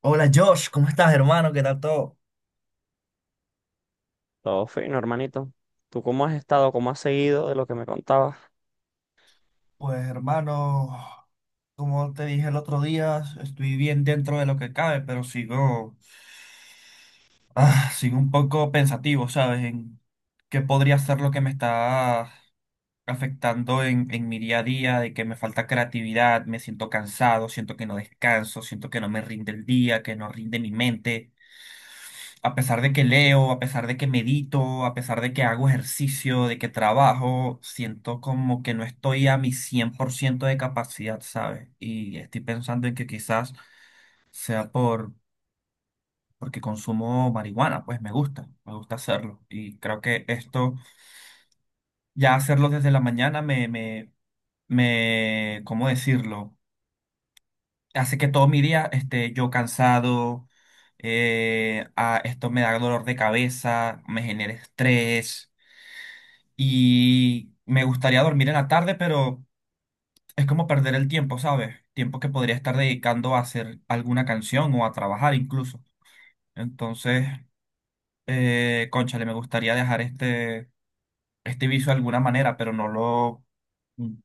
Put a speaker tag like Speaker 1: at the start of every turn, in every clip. Speaker 1: Hola Josh, ¿cómo estás, hermano? ¿Qué tal todo?
Speaker 2: Todo fino, hermanito. ¿Tú cómo has estado? ¿Cómo has seguido de lo que me contabas?
Speaker 1: Pues hermano, como te dije el otro día, estoy bien dentro de lo que cabe, pero sigo un poco pensativo, ¿sabes? En qué podría ser lo que me está afectando en mi día a día, de que me falta creatividad, me siento cansado, siento que no descanso, siento que no me rinde el día, que no rinde mi mente. A pesar de que leo, a pesar de que medito, a pesar de que hago ejercicio, de que trabajo, siento como que no estoy a mi 100% de capacidad, ¿sabes? Y estoy pensando en que sea por, porque consumo marihuana, pues me gusta hacerlo. Y creo que esto, ya hacerlo desde la mañana, ¿cómo decirlo? Hace que todo mi día esté yo cansado, esto me da dolor de cabeza, me genera estrés. Y me gustaría dormir en la tarde, pero es como perder el tiempo, ¿sabes? Tiempo que podría estar dedicando a hacer alguna canción o a trabajar incluso. Entonces, cónchale, me gustaría dejar este vicio de alguna manera, pero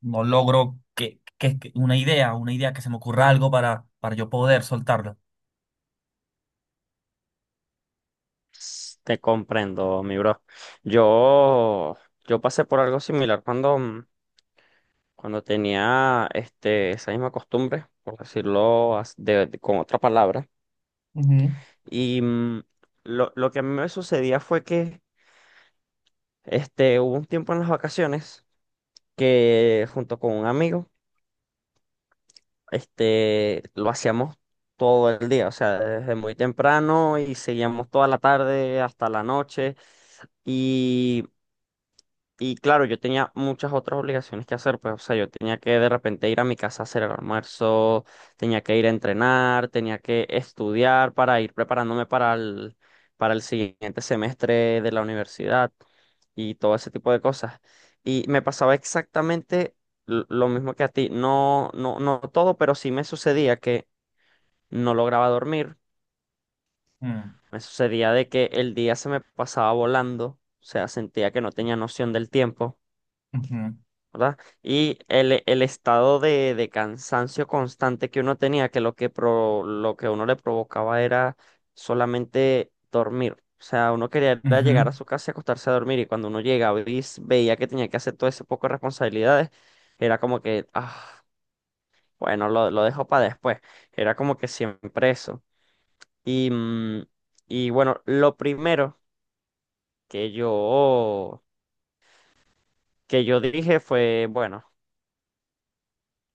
Speaker 1: no logro que una idea que se me ocurra algo para yo poder soltarlo.
Speaker 2: Te comprendo, mi bro. Yo, yo pasé por algo similar cuando tenía esa misma costumbre, por decirlo con otra palabra.
Speaker 1: Ujú.
Speaker 2: Y lo que a mí me sucedía fue que hubo un tiempo en las vacaciones que junto con un amigo lo hacíamos todo el día, o sea, desde muy temprano y seguíamos toda la tarde hasta la noche. Y y claro, yo tenía muchas otras obligaciones que hacer, pues, o sea, yo tenía que de repente ir a mi casa a hacer el almuerzo, tenía que ir a entrenar, tenía que estudiar para ir preparándome para el, siguiente semestre de la universidad y todo ese tipo de cosas. Y me pasaba exactamente lo mismo que a ti, no, no, no todo, pero sí me sucedía que no lograba dormir,
Speaker 1: Mm,
Speaker 2: me sucedía de que el día se me pasaba volando, o sea, sentía que no tenía noción del tiempo.
Speaker 1: ujú,
Speaker 2: ¿Verdad? Y el estado de cansancio constante que uno tenía, que lo que uno le provocaba era solamente dormir. O sea, uno quería era
Speaker 1: ujú.
Speaker 2: llegar a su casa y acostarse a dormir, y cuando uno llegaba y veía que tenía que hacer todo ese poco de responsabilidades, era como que, ah, bueno, lo dejo para después. Era como que siempre eso. Y, mm, y bueno, lo primero que yo, que yo dije fue, bueno,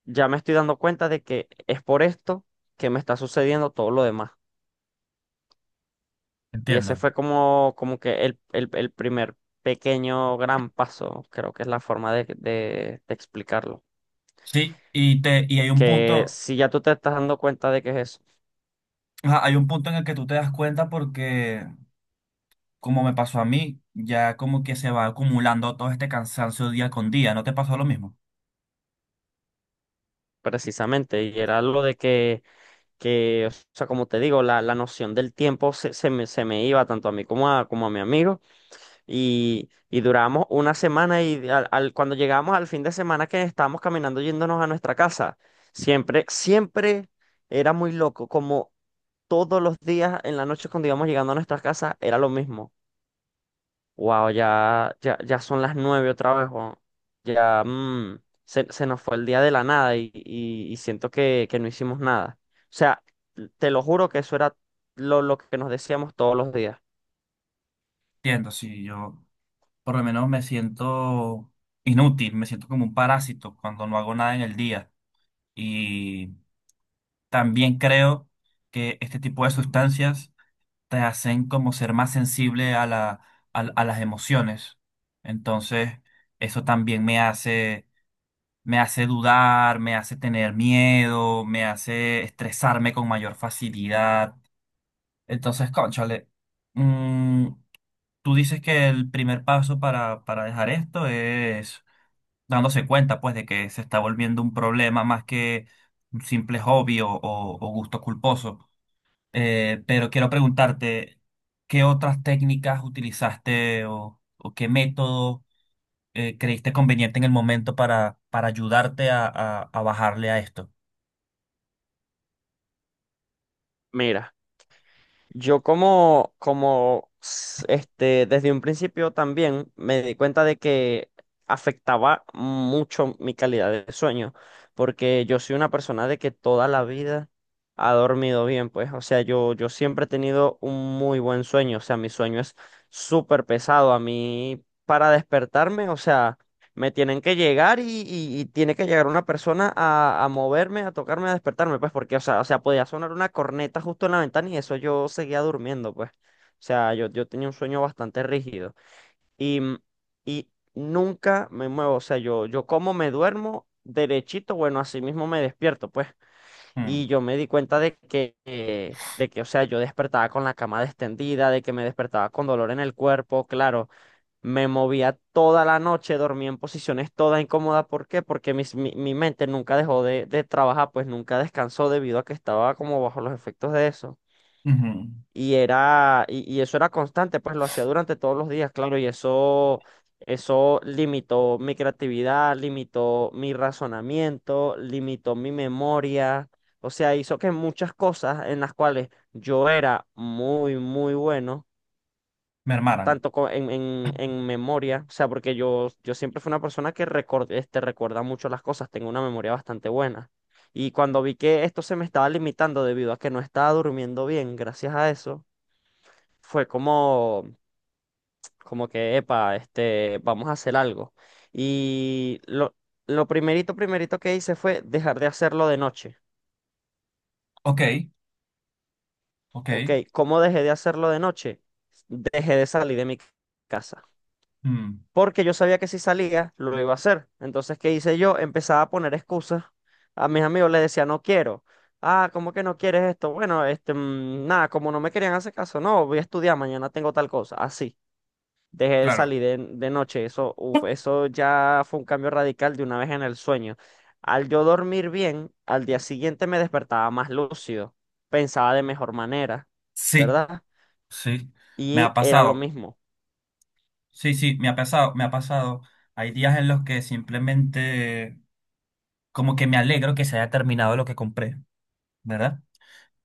Speaker 2: ya me estoy dando cuenta de que es por esto que me está sucediendo todo lo demás. Y ese
Speaker 1: Entiendo.
Speaker 2: fue como que el primer pequeño gran paso, creo que es la forma de explicarlo.
Speaker 1: Sí, y hay un
Speaker 2: Que
Speaker 1: punto,
Speaker 2: si ya tú te estás dando cuenta de que es eso,
Speaker 1: ajá, hay un punto en el que tú te das cuenta porque como me pasó a mí, ya como que se va acumulando todo este cansancio día con día. ¿No te pasó lo mismo?
Speaker 2: precisamente, y era lo de que o sea, como te digo, la noción del tiempo se me iba tanto a mí como a, mi amigo, y duramos una semana y cuando llegamos al fin de semana que estábamos caminando yéndonos a nuestra casa, siempre, siempre era muy loco, como todos los días en la noche cuando íbamos llegando a nuestras casas era lo mismo. Wow, ya, ya, ya son las nueve otra vez, weón. Ya se nos fue el día de la nada y siento que no hicimos nada. O sea, te lo juro que eso era lo que nos decíamos todos los días.
Speaker 1: Entiendo, si yo por lo menos me siento inútil, me siento como un parásito cuando no hago nada en el día. Y también creo que este tipo de sustancias te hacen como ser más sensible a a las emociones. Entonces, eso también me hace dudar, me hace tener miedo, me hace estresarme con mayor facilidad. Entonces, cónchale, mm, tú dices que el primer paso para dejar esto es dándose cuenta, pues, de que se está volviendo un problema más que un simple hobby o gusto culposo. Pero quiero preguntarte, ¿qué otras técnicas utilizaste o qué método creíste conveniente en el momento para ayudarte a bajarle a esto?
Speaker 2: Mira. Yo como desde un principio también me di cuenta de que afectaba mucho mi calidad de sueño, porque yo soy una persona de que toda la vida ha dormido bien, pues, o sea, yo siempre he tenido un muy buen sueño, o sea, mi sueño es súper pesado, a mí para despertarme, o sea. Me tienen que llegar y tiene que llegar una persona a, moverme, a tocarme, a despertarme, pues, porque, o sea, podía sonar una corneta justo en la ventana y eso yo seguía durmiendo, pues. O sea, yo tenía un sueño bastante rígido. Y, mm, y nunca me muevo, o sea, yo como me duermo derechito, bueno, así mismo me despierto, pues.
Speaker 1: Mm,
Speaker 2: Y yo me di cuenta de que, o sea, yo despertaba con la cama destendida, de que me despertaba con dolor en el cuerpo, claro. Me movía toda la noche, dormía en posiciones todas incómodas. ¿Por qué? Porque mi mente nunca dejó de trabajar, pues nunca descansó debido a que estaba como bajo los efectos de eso.
Speaker 1: ujú.
Speaker 2: Y eso era constante, pues lo hacía durante todos los días, claro, y eso limitó mi creatividad, limitó mi razonamiento, limitó mi memoria. O sea, hizo que muchas cosas en las cuales yo era muy, muy bueno
Speaker 1: Mermaran.
Speaker 2: tanto en memoria, o sea, porque yo siempre fui una persona que recuerda mucho las cosas, tengo una memoria bastante buena. Y cuando vi que esto se me estaba limitando debido a que no estaba durmiendo bien, gracias a eso, fue como que, epa, vamos a hacer algo. Y lo primerito, primerito que hice fue dejar de hacerlo de noche.
Speaker 1: Ok,
Speaker 2: Ok,
Speaker 1: ok.
Speaker 2: ¿cómo dejé de hacerlo de noche? Dejé de salir de mi casa.
Speaker 1: Mm.
Speaker 2: Porque yo sabía que si salía, lo iba a hacer. Entonces, ¿qué hice yo? Empezaba a poner excusas. A mis amigos les decía, no quiero. Ah, ¿cómo que no quieres esto? Bueno, nada, como no me querían hacer caso, no, voy a estudiar, mañana tengo tal cosa. Así, dejé de
Speaker 1: Claro,
Speaker 2: salir de noche. Eso, uf, eso ya fue un cambio radical de una vez en el sueño. Al yo dormir bien, al día siguiente me despertaba más lúcido, pensaba de mejor manera,
Speaker 1: sí.
Speaker 2: ¿verdad?
Speaker 1: Sí, me ha
Speaker 2: Y era lo
Speaker 1: pasado.
Speaker 2: mismo,
Speaker 1: Sí, sí, me ha pasado, me ha pasado. Hay días en los que simplemente como que me alegro que se haya terminado lo que compré, ¿verdad?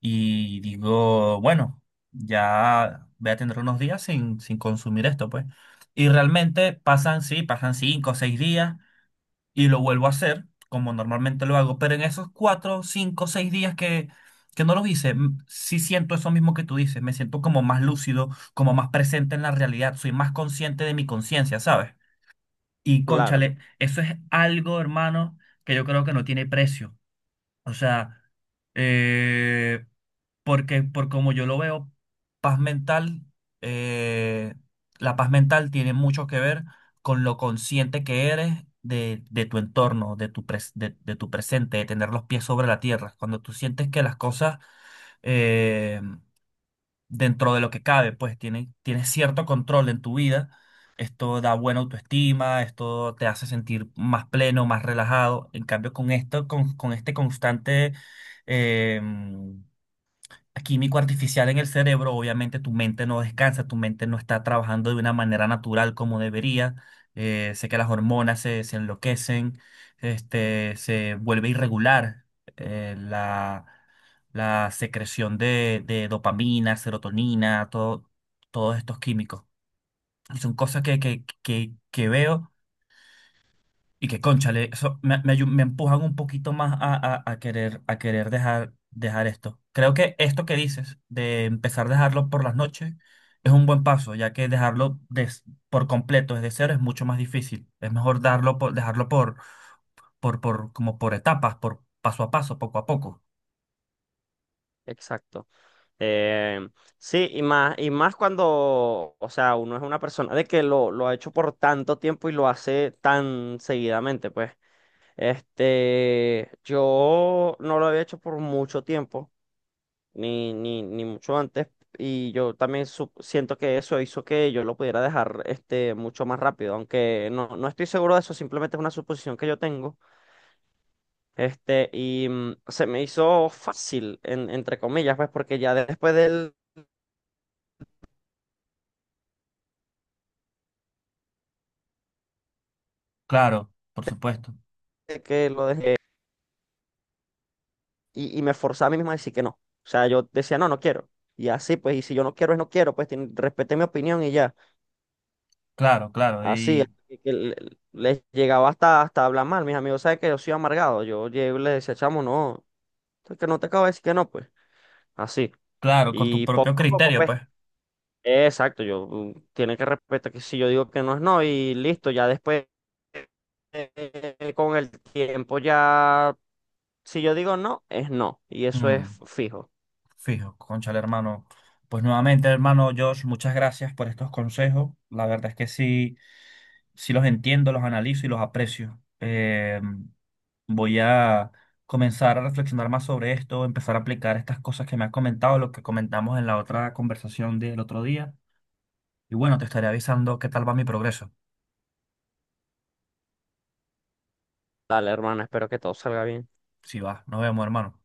Speaker 1: Y digo, bueno, ya voy a tener unos días sin consumir esto, pues. Y realmente pasan, sí, pasan 5 o 6 días y lo vuelvo a hacer, como normalmente lo hago, pero en esos 4, 5, 6 días que no los hice, m- sí siento eso mismo que tú dices, me siento como más lúcido, como más presente en la realidad, soy más consciente de mi conciencia, ¿sabes? Y
Speaker 2: claro,
Speaker 1: cónchale, eso es algo, hermano, que yo creo que no tiene precio. O sea, eh, porque por como yo lo veo, paz mental, eh, la paz mental tiene mucho que ver con lo consciente que eres de tu entorno, de tu presente, de tener los pies sobre la tierra. Cuando tú sientes que las cosas eh, dentro de lo que cabe, pues tienes cierto control en tu vida. Esto da buena autoestima, esto te hace sentir más pleno, más relajado. En cambio, con esto, con este constante em, químico artificial en el cerebro, obviamente tu mente no descansa, tu mente no está trabajando de una manera natural como debería. Sé que las hormonas se enloquecen, este, se vuelve irregular eh, la, la secreción de dopamina, serotonina, todos estos químicos. Y son cosas que veo. Y que, cónchale, eso me, me, ayu- me empujan un poquito más a querer dejar esto. Creo que esto que dices de empezar a dejarlo por las noches es un buen paso, ya que por completo desde cero es mucho más difícil. Es mejor dejarlo por, como por etapas, por paso a paso, poco a poco.
Speaker 2: exacto. Eh, sí, y más cuando, o sea, uno es una persona de que lo ha hecho por tanto tiempo y lo hace tan seguidamente, pues. Yo no lo había hecho por mucho tiempo, ni mucho antes, y yo también siento que eso hizo que yo lo pudiera dejar, mucho más rápido, aunque no estoy seguro de eso, simplemente es una suposición que yo tengo. Y se me hizo fácil, entre comillas, pues, porque ya después del
Speaker 1: Claro, por supuesto.
Speaker 2: de que lo dejé y me forzaba a mí mismo a decir que no. O sea, yo decía, no, no quiero. Y así, pues, y si yo no quiero, es no quiero, pues respeté mi opinión y ya.
Speaker 1: Claro, claro.
Speaker 2: Así,
Speaker 1: Y
Speaker 2: les llegaba hasta hablar mal. Mis amigos saben que yo soy amargado. Yo llegué y les decía, chamo, no, es que no te acabo de decir que no, pues. Así.
Speaker 1: claro, con tu
Speaker 2: Y
Speaker 1: propio
Speaker 2: poco a poco,
Speaker 1: criterio,
Speaker 2: pues.
Speaker 1: pues.
Speaker 2: Exacto, yo tiene que respetar que si yo digo que no es no y listo, ya después con el tiempo ya si yo digo no, es no y eso es
Speaker 1: Mm.
Speaker 2: fijo.
Speaker 1: Fijo, conchale, hermano. Pues nuevamente, hermano Josh, muchas gracias por estos consejos. La verdad es que sí, sí los entiendo, los analizo y los aprecio. Voy a comenzar a reflexionar más sobre esto, empezar a aplicar estas cosas que me has comentado, lo que comentamos en la otra conversación del otro día. Y bueno, te estaré avisando qué tal va mi progreso.
Speaker 2: Dale, hermano, espero que todo salga bien.
Speaker 1: Si va, nos vemos, hermano.